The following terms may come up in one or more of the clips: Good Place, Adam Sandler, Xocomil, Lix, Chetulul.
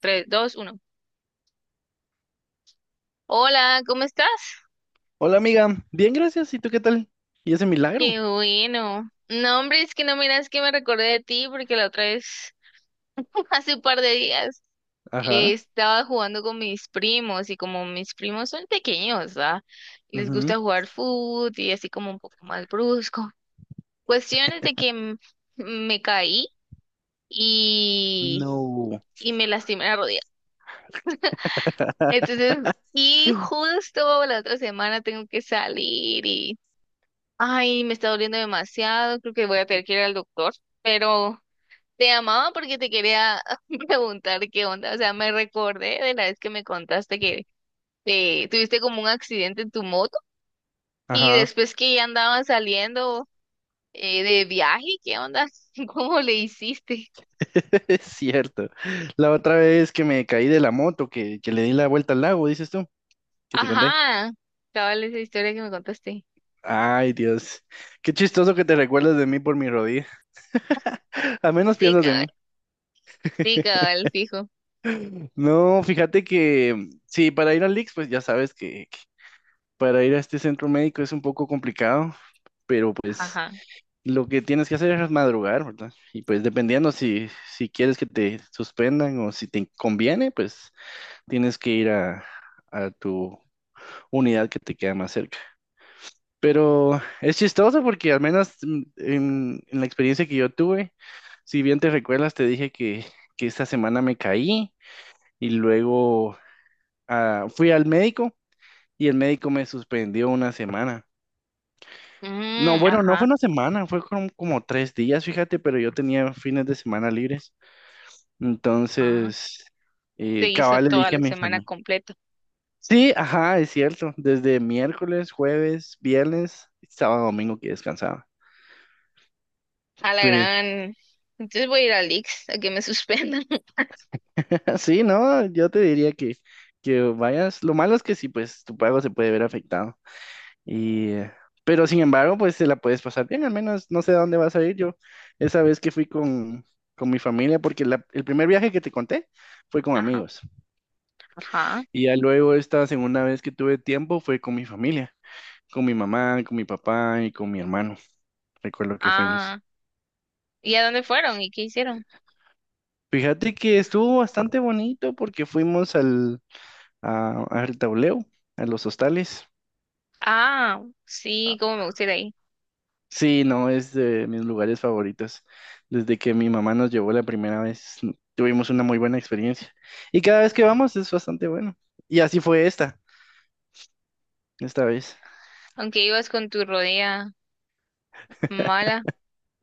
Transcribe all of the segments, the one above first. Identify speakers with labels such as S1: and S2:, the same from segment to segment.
S1: Tres, dos, uno. Hola, ¿cómo estás?
S2: Hola amiga, bien gracias, ¿y tú qué tal? ¿Y ese milagro?
S1: Qué bueno. No, hombre, es que no miras que me recordé de ti porque la otra vez, hace un par de días,
S2: Ajá,
S1: estaba jugando con mis primos y como mis primos son pequeños, ¿va? Les
S2: ujú,
S1: gusta jugar fútbol y así como un poco más brusco. Cuestiones de que me caí y,
S2: no,
S1: y me lastimé la rodilla. Entonces, y justo la otra semana tengo que salir. Ay, me está doliendo demasiado, creo que voy a tener que ir al doctor, pero te llamaba porque te quería preguntar qué onda, o sea, me recordé de la vez que me contaste que te tuviste como un accidente en tu moto y
S2: ajá,
S1: después que ya andaban saliendo, de viaje, ¿qué onda? ¿Cómo le hiciste?
S2: es cierto. La otra vez que me caí de la moto, que le di la vuelta al lago, dices tú, que te conté.
S1: Ajá, cabal esa historia que me contaste.
S2: Ay, Dios, qué chistoso que te recuerdas de mí por mi rodilla. Al menos
S1: Sí,
S2: piensas en
S1: cabal,
S2: mí.
S1: sí, cabal, fijo.
S2: No, fíjate que sí, para ir al Lix, pues ya sabes que para ir a este centro médico es un poco complicado, pero pues
S1: Ajá.
S2: lo que tienes que hacer es madrugar, ¿verdad? Y pues dependiendo si quieres que te suspendan o si te conviene, pues tienes que ir a tu unidad que te queda más cerca. Pero es chistoso porque al menos en la experiencia que yo tuve, si bien te recuerdas, te dije que esta semana me caí y luego fui al médico y el médico me suspendió una semana. No,
S1: Mm,
S2: bueno, no fue
S1: ajá,
S2: una semana, fue como tres días, fíjate, pero yo tenía fines de semana libres.
S1: ajá.
S2: Entonces,
S1: Se hizo
S2: cabal le
S1: toda
S2: dije a
S1: la
S2: mi
S1: semana
S2: familia.
S1: completa.
S2: Sí, ajá, es cierto. Desde miércoles, jueves, viernes, sábado, domingo que descansaba.
S1: A la
S2: Pues,
S1: gran. Entonces voy a ir a Lix a que me suspendan.
S2: sí, no, yo te diría que vayas. Lo malo es que sí, pues tu pago se puede ver afectado. Y, pero sin embargo, pues te la puedes pasar bien. Al menos no sé a dónde vas a ir. Yo esa vez que fui con mi familia, porque el primer viaje que te conté fue con
S1: Ajá,
S2: amigos.
S1: ajá.
S2: Y ya luego esta segunda vez que tuve tiempo fue con mi familia, con mi mamá, con mi papá y con mi hermano. Recuerdo que fuimos.
S1: Ah, ¿y a dónde fueron y qué hicieron?
S2: Fíjate que estuvo bastante bonito porque fuimos al tableo, a los hostales.
S1: Ah, sí, cómo me gusta ir ahí.
S2: Sí, no, es de mis lugares favoritos. Desde que mi mamá nos llevó la primera vez, tuvimos una muy buena experiencia. Y cada vez que vamos es bastante bueno. Y así fue esta vez.
S1: Aunque ibas con tu rodilla mala.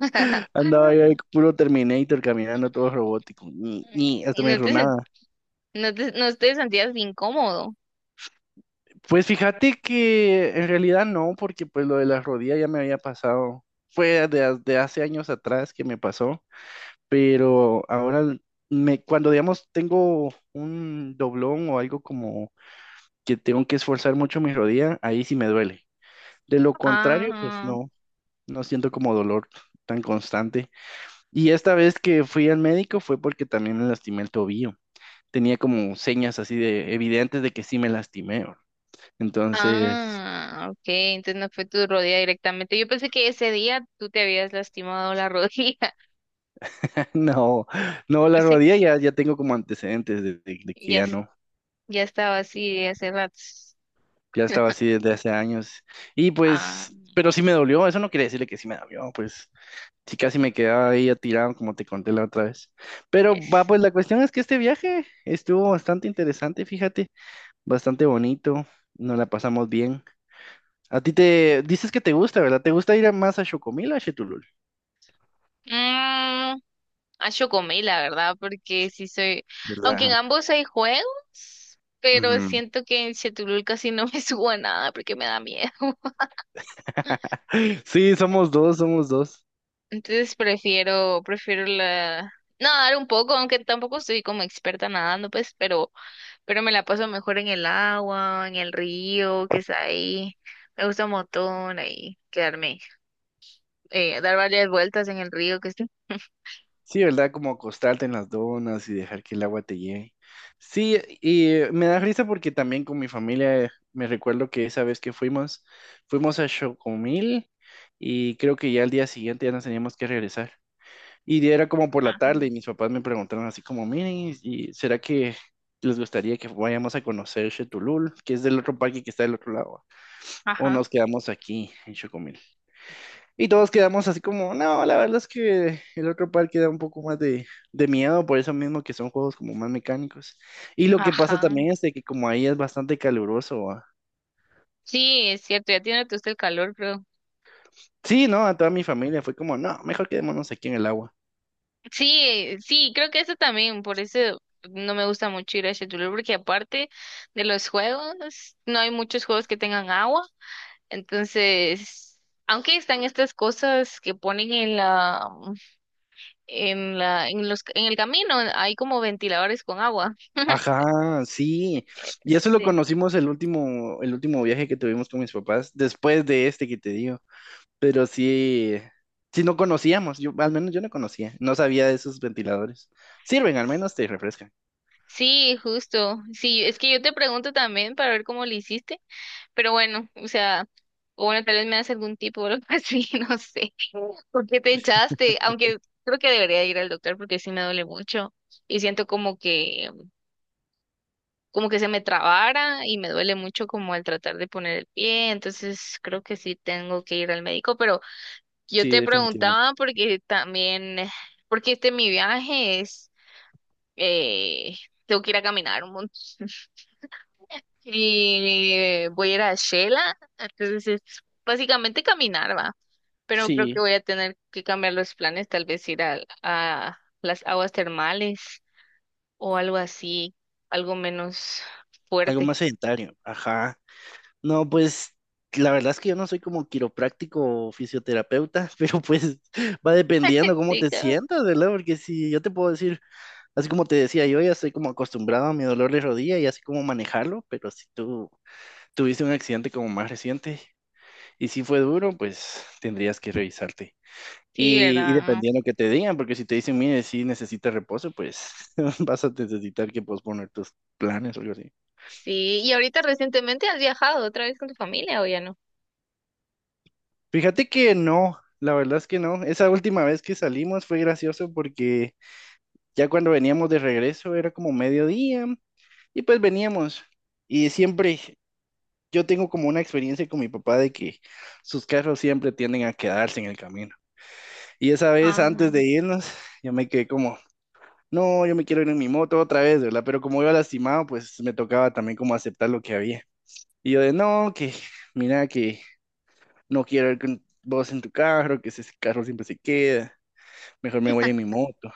S2: Andaba yo ahí puro Terminator caminando todo robótico. Ni,
S1: Y
S2: hasta me
S1: no te,
S2: enronaba.
S1: no te, no te sentías incómodo.
S2: Pues fíjate que en realidad no, porque pues lo de las rodillas ya me había pasado. Fue de hace años atrás que me pasó, pero ahora cuando digamos tengo un doblón o algo como que tengo que esforzar mucho mi rodilla, ahí sí me duele. De lo contrario, pues
S1: Ah,
S2: no, no siento como dolor tan constante. Y esta vez que fui al médico fue porque también me lastimé el tobillo. Tenía como señas así de evidentes de que sí me lastimé. Entonces,
S1: ah, ok. Entonces no fue tu rodilla directamente. Yo pensé que ese día tú te habías lastimado la rodilla.
S2: no, no,
S1: O
S2: la
S1: sea,
S2: rodilla ya, tengo como antecedentes de que
S1: ya,
S2: ya no,
S1: ya estaba así hace rato.
S2: ya estaba así desde hace años. Y
S1: Ah,
S2: pues, pero sí me dolió, eso no quería decirle que sí me dolió, pues sí casi me quedaba ahí tirado como te conté la otra vez. Pero va,
S1: es.
S2: pues la cuestión es que este viaje estuvo bastante interesante, fíjate, bastante bonito, nos la pasamos bien. A ti te dices que te gusta, ¿verdad? ¿Te gusta ir más a Xocomil o a Chetulul?
S1: Mm, ah, yo comí, la verdad, porque sí soy. Aunque en
S2: ¿Verdad?
S1: ambos hay juegos, pero
S2: Ujú.
S1: siento que en Chetulul casi no me subo a nada porque me da miedo.
S2: Sí, somos dos, somos dos.
S1: Entonces prefiero la. Nadar un poco, aunque tampoco soy como experta nadando, pero me la paso mejor en el agua, en el río, que está ahí. Me gusta un montón ahí quedarme, dar varias vueltas en el río que está.
S2: Sí, ¿verdad? Como acostarte en las donas y dejar que el agua te llegue. Sí, y me da risa porque también con mi familia me recuerdo que esa vez que fuimos a Chocomil y creo que ya al día siguiente ya nos teníamos que regresar. Y era como por la tarde y mis papás me preguntaron así como, miren, ¿y será que les gustaría que vayamos a conocer Chetulul, que es del otro parque que está del otro lado? ¿O
S1: Ajá,
S2: nos quedamos aquí en Chocomil? Y todos quedamos así como, no, la verdad es que el otro parque da un poco más de miedo, por eso mismo que son juegos como más mecánicos. Y lo que pasa
S1: ajá.
S2: también es de que como ahí es bastante caluroso. Ah.
S1: Sí, es cierto, ya tiene usted el calor, creo.
S2: Sí, no, a toda mi familia fue como, no, mejor quedémonos aquí en el agua.
S1: Sí, sí, creo que eso también, por eso no me gusta mucho ir a Cholula, porque aparte de los juegos, no hay muchos juegos que tengan agua, entonces, aunque están estas cosas que ponen en la, en la, en los, en el camino, hay como ventiladores con agua.
S2: Ajá, sí. Y eso lo
S1: Sí.
S2: conocimos el último viaje que tuvimos con mis papás, después de este que te digo. Pero sí, sí no conocíamos, yo, al menos yo no conocía, no sabía de esos ventiladores. Sirven, al menos te refrescan.
S1: Sí, justo. Sí, es que yo te pregunto también para ver cómo le hiciste. Pero bueno, o sea, o bueno, tal vez me hace algún tipo o algo así, no sé. ¿Por qué te echaste? Aunque creo que debería ir al doctor porque sí me duele mucho y siento como que se me trabara y me duele mucho como al tratar de poner el pie, entonces creo que sí tengo que ir al médico, pero yo
S2: Sí,
S1: te
S2: definitivamente.
S1: preguntaba porque también porque este mi viaje es eh tengo que ir a caminar un montón. Y voy a ir a Shela, entonces es básicamente caminar, ¿va? Pero creo que
S2: Sí.
S1: voy a tener que cambiar los planes, tal vez ir a las aguas termales o algo así, algo menos
S2: Algo
S1: fuerte.
S2: más sedentario, ajá. No, pues la verdad es que yo no soy como quiropráctico o fisioterapeuta, pero pues va dependiendo cómo
S1: Sí,
S2: te
S1: cabal.
S2: sientas, ¿verdad? Porque si yo te puedo decir, así como te decía, yo ya estoy como acostumbrado a mi dolor de rodilla y así como manejarlo, pero si tú tuviste un accidente como más reciente y si fue duro, pues tendrías que revisarte.
S1: Sí,
S2: Y
S1: ¿verdad?
S2: dependiendo que te digan, porque si te dicen, mire, si necesitas reposo, pues vas a necesitar que posponer tus planes o algo así.
S1: Sí, ¿y ahorita recientemente has viajado otra vez con tu familia o ya no?
S2: Fíjate que no, la verdad es que no. Esa última vez que salimos fue gracioso porque ya cuando veníamos de regreso era como mediodía y pues veníamos. Y siempre yo tengo como una experiencia con mi papá de que sus carros siempre tienden a quedarse en el camino. Y esa vez
S1: Ah,
S2: antes de irnos, yo me quedé como, no, yo me quiero ir en mi moto otra vez, ¿verdad? Pero como iba lastimado, pues me tocaba también como aceptar lo que había. Y yo de, no, que mira que no quiero ir con vos en tu carro, que ese carro siempre se queda. Mejor me voy en mi moto.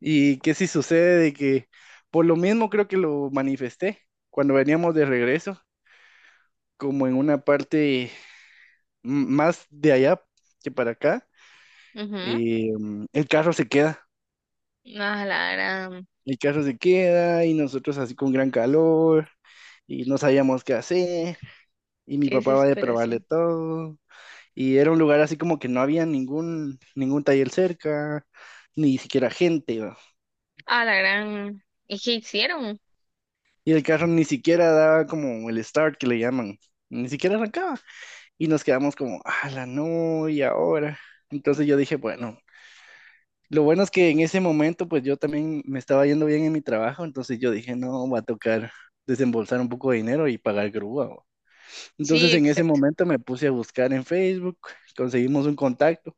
S2: Y que si sucede de que, por lo mismo creo que lo manifesté cuando veníamos de regreso, como en una parte más de allá que para acá,
S1: mhm,
S2: eh, el carro se queda,
S1: a la gran,
S2: el carro se queda y nosotros así con gran calor y no sabíamos qué hacer y mi
S1: qué
S2: papá va a probarle
S1: desesperación.
S2: todo y era un lugar así como que no había ningún taller cerca, ni siquiera gente.
S1: A la gran, ¿y qué hicieron?
S2: Y el carro ni siquiera daba como el start que le llaman, ni siquiera arrancaba. Y nos quedamos como, la no! ¿Y ahora? Entonces yo dije, bueno, lo bueno es que en ese momento pues yo también me estaba yendo bien en mi trabajo, entonces yo dije, no, va a tocar desembolsar un poco de dinero y pagar grúa. Bo". Entonces
S1: Sí,
S2: en ese
S1: exacto.
S2: momento me puse a buscar en Facebook, conseguimos un contacto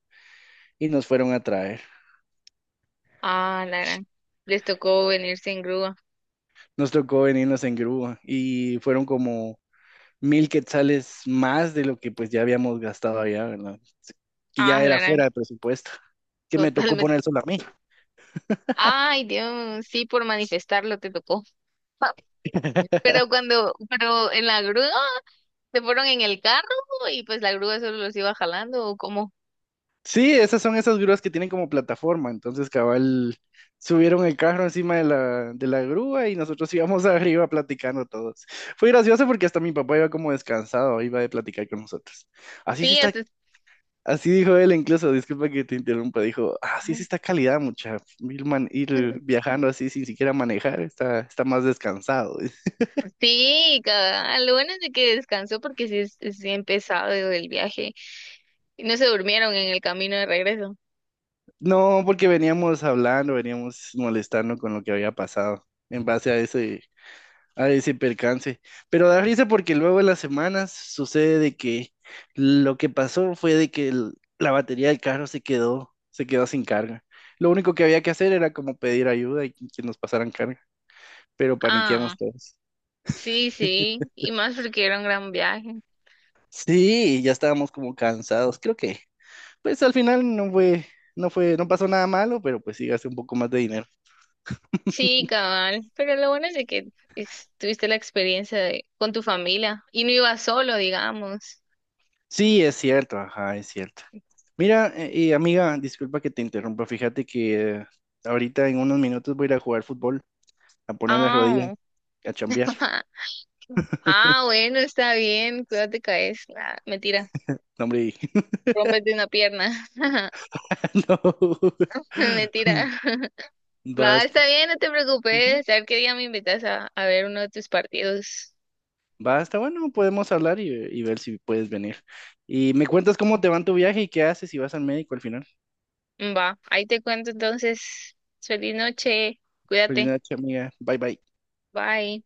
S2: y nos fueron a traer.
S1: A la gran, les tocó venirse en grúa.
S2: Nos tocó venirnos en grúa y fueron como 1,000 quetzales más de lo que pues ya habíamos gastado allá, ¿verdad? Que
S1: Ah,
S2: ya
S1: la
S2: era fuera
S1: gran,
S2: de presupuesto, que me tocó
S1: totalmente.
S2: poner solo a mí.
S1: Ay, Dios, sí, por manifestarlo te tocó. Pero cuando, pero en la grúa, se fueron en el carro y pues la grúa solo los iba jalando o como.
S2: Sí, esas son esas grúas que tienen como plataforma, entonces cabal subieron el carro encima de la grúa y nosotros íbamos arriba platicando todos. Fue gracioso porque hasta mi papá iba como descansado, iba de platicar con nosotros. Así se
S1: Sí,
S2: está, así dijo él incluso, disculpa que te interrumpa, dijo, así
S1: Ajá.
S2: se está calidad mucha, ir, ir viajando así sin siquiera manejar, está más descansado.
S1: Sí, cabal, lo bueno es de que descansó porque sí es bien pesado el viaje. Y no se durmieron en el camino de regreso.
S2: No, porque veníamos hablando, veníamos molestando con lo que había pasado en base a ese, percance. Pero da risa porque luego en las semanas sucede de que lo que pasó fue de que la batería del carro se quedó sin carga. Lo único que había que hacer era como pedir ayuda y que nos pasaran carga, pero paniqueamos
S1: Ah,
S2: todos.
S1: sí, sí. Y más porque era un gran viaje.
S2: Sí, ya estábamos como cansados. Creo que, pues al final no fue, no pasó nada malo, pero pues sí gasté un poco más de dinero.
S1: Sí, cabal. Pero lo bueno es de que tuviste la experiencia de, con tu familia y no ibas solo, digamos.
S2: Sí, es cierto, ajá, es cierto. Mira, y amiga, disculpa que te interrumpa, fíjate que ahorita en unos minutos voy a ir a jugar fútbol, a poner la rodilla,
S1: Ah,
S2: a chambear.
S1: ah, bueno, está bien, cuídate, caes. Ah, mentira,
S2: No, hombre,
S1: rompes de una pierna.
S2: no.
S1: Mentira. Va,
S2: Basta,
S1: está bien, no te
S2: ujú,
S1: preocupes. A ver qué día me invitas a ver uno de tus partidos.
S2: bueno, podemos hablar y ver si puedes venir. Y me cuentas cómo te va en tu viaje y qué haces si vas al médico al final.
S1: Va, ahí te cuento entonces. Feliz noche,
S2: Feliz
S1: cuídate,
S2: noche, amiga. Bye, bye.
S1: bye.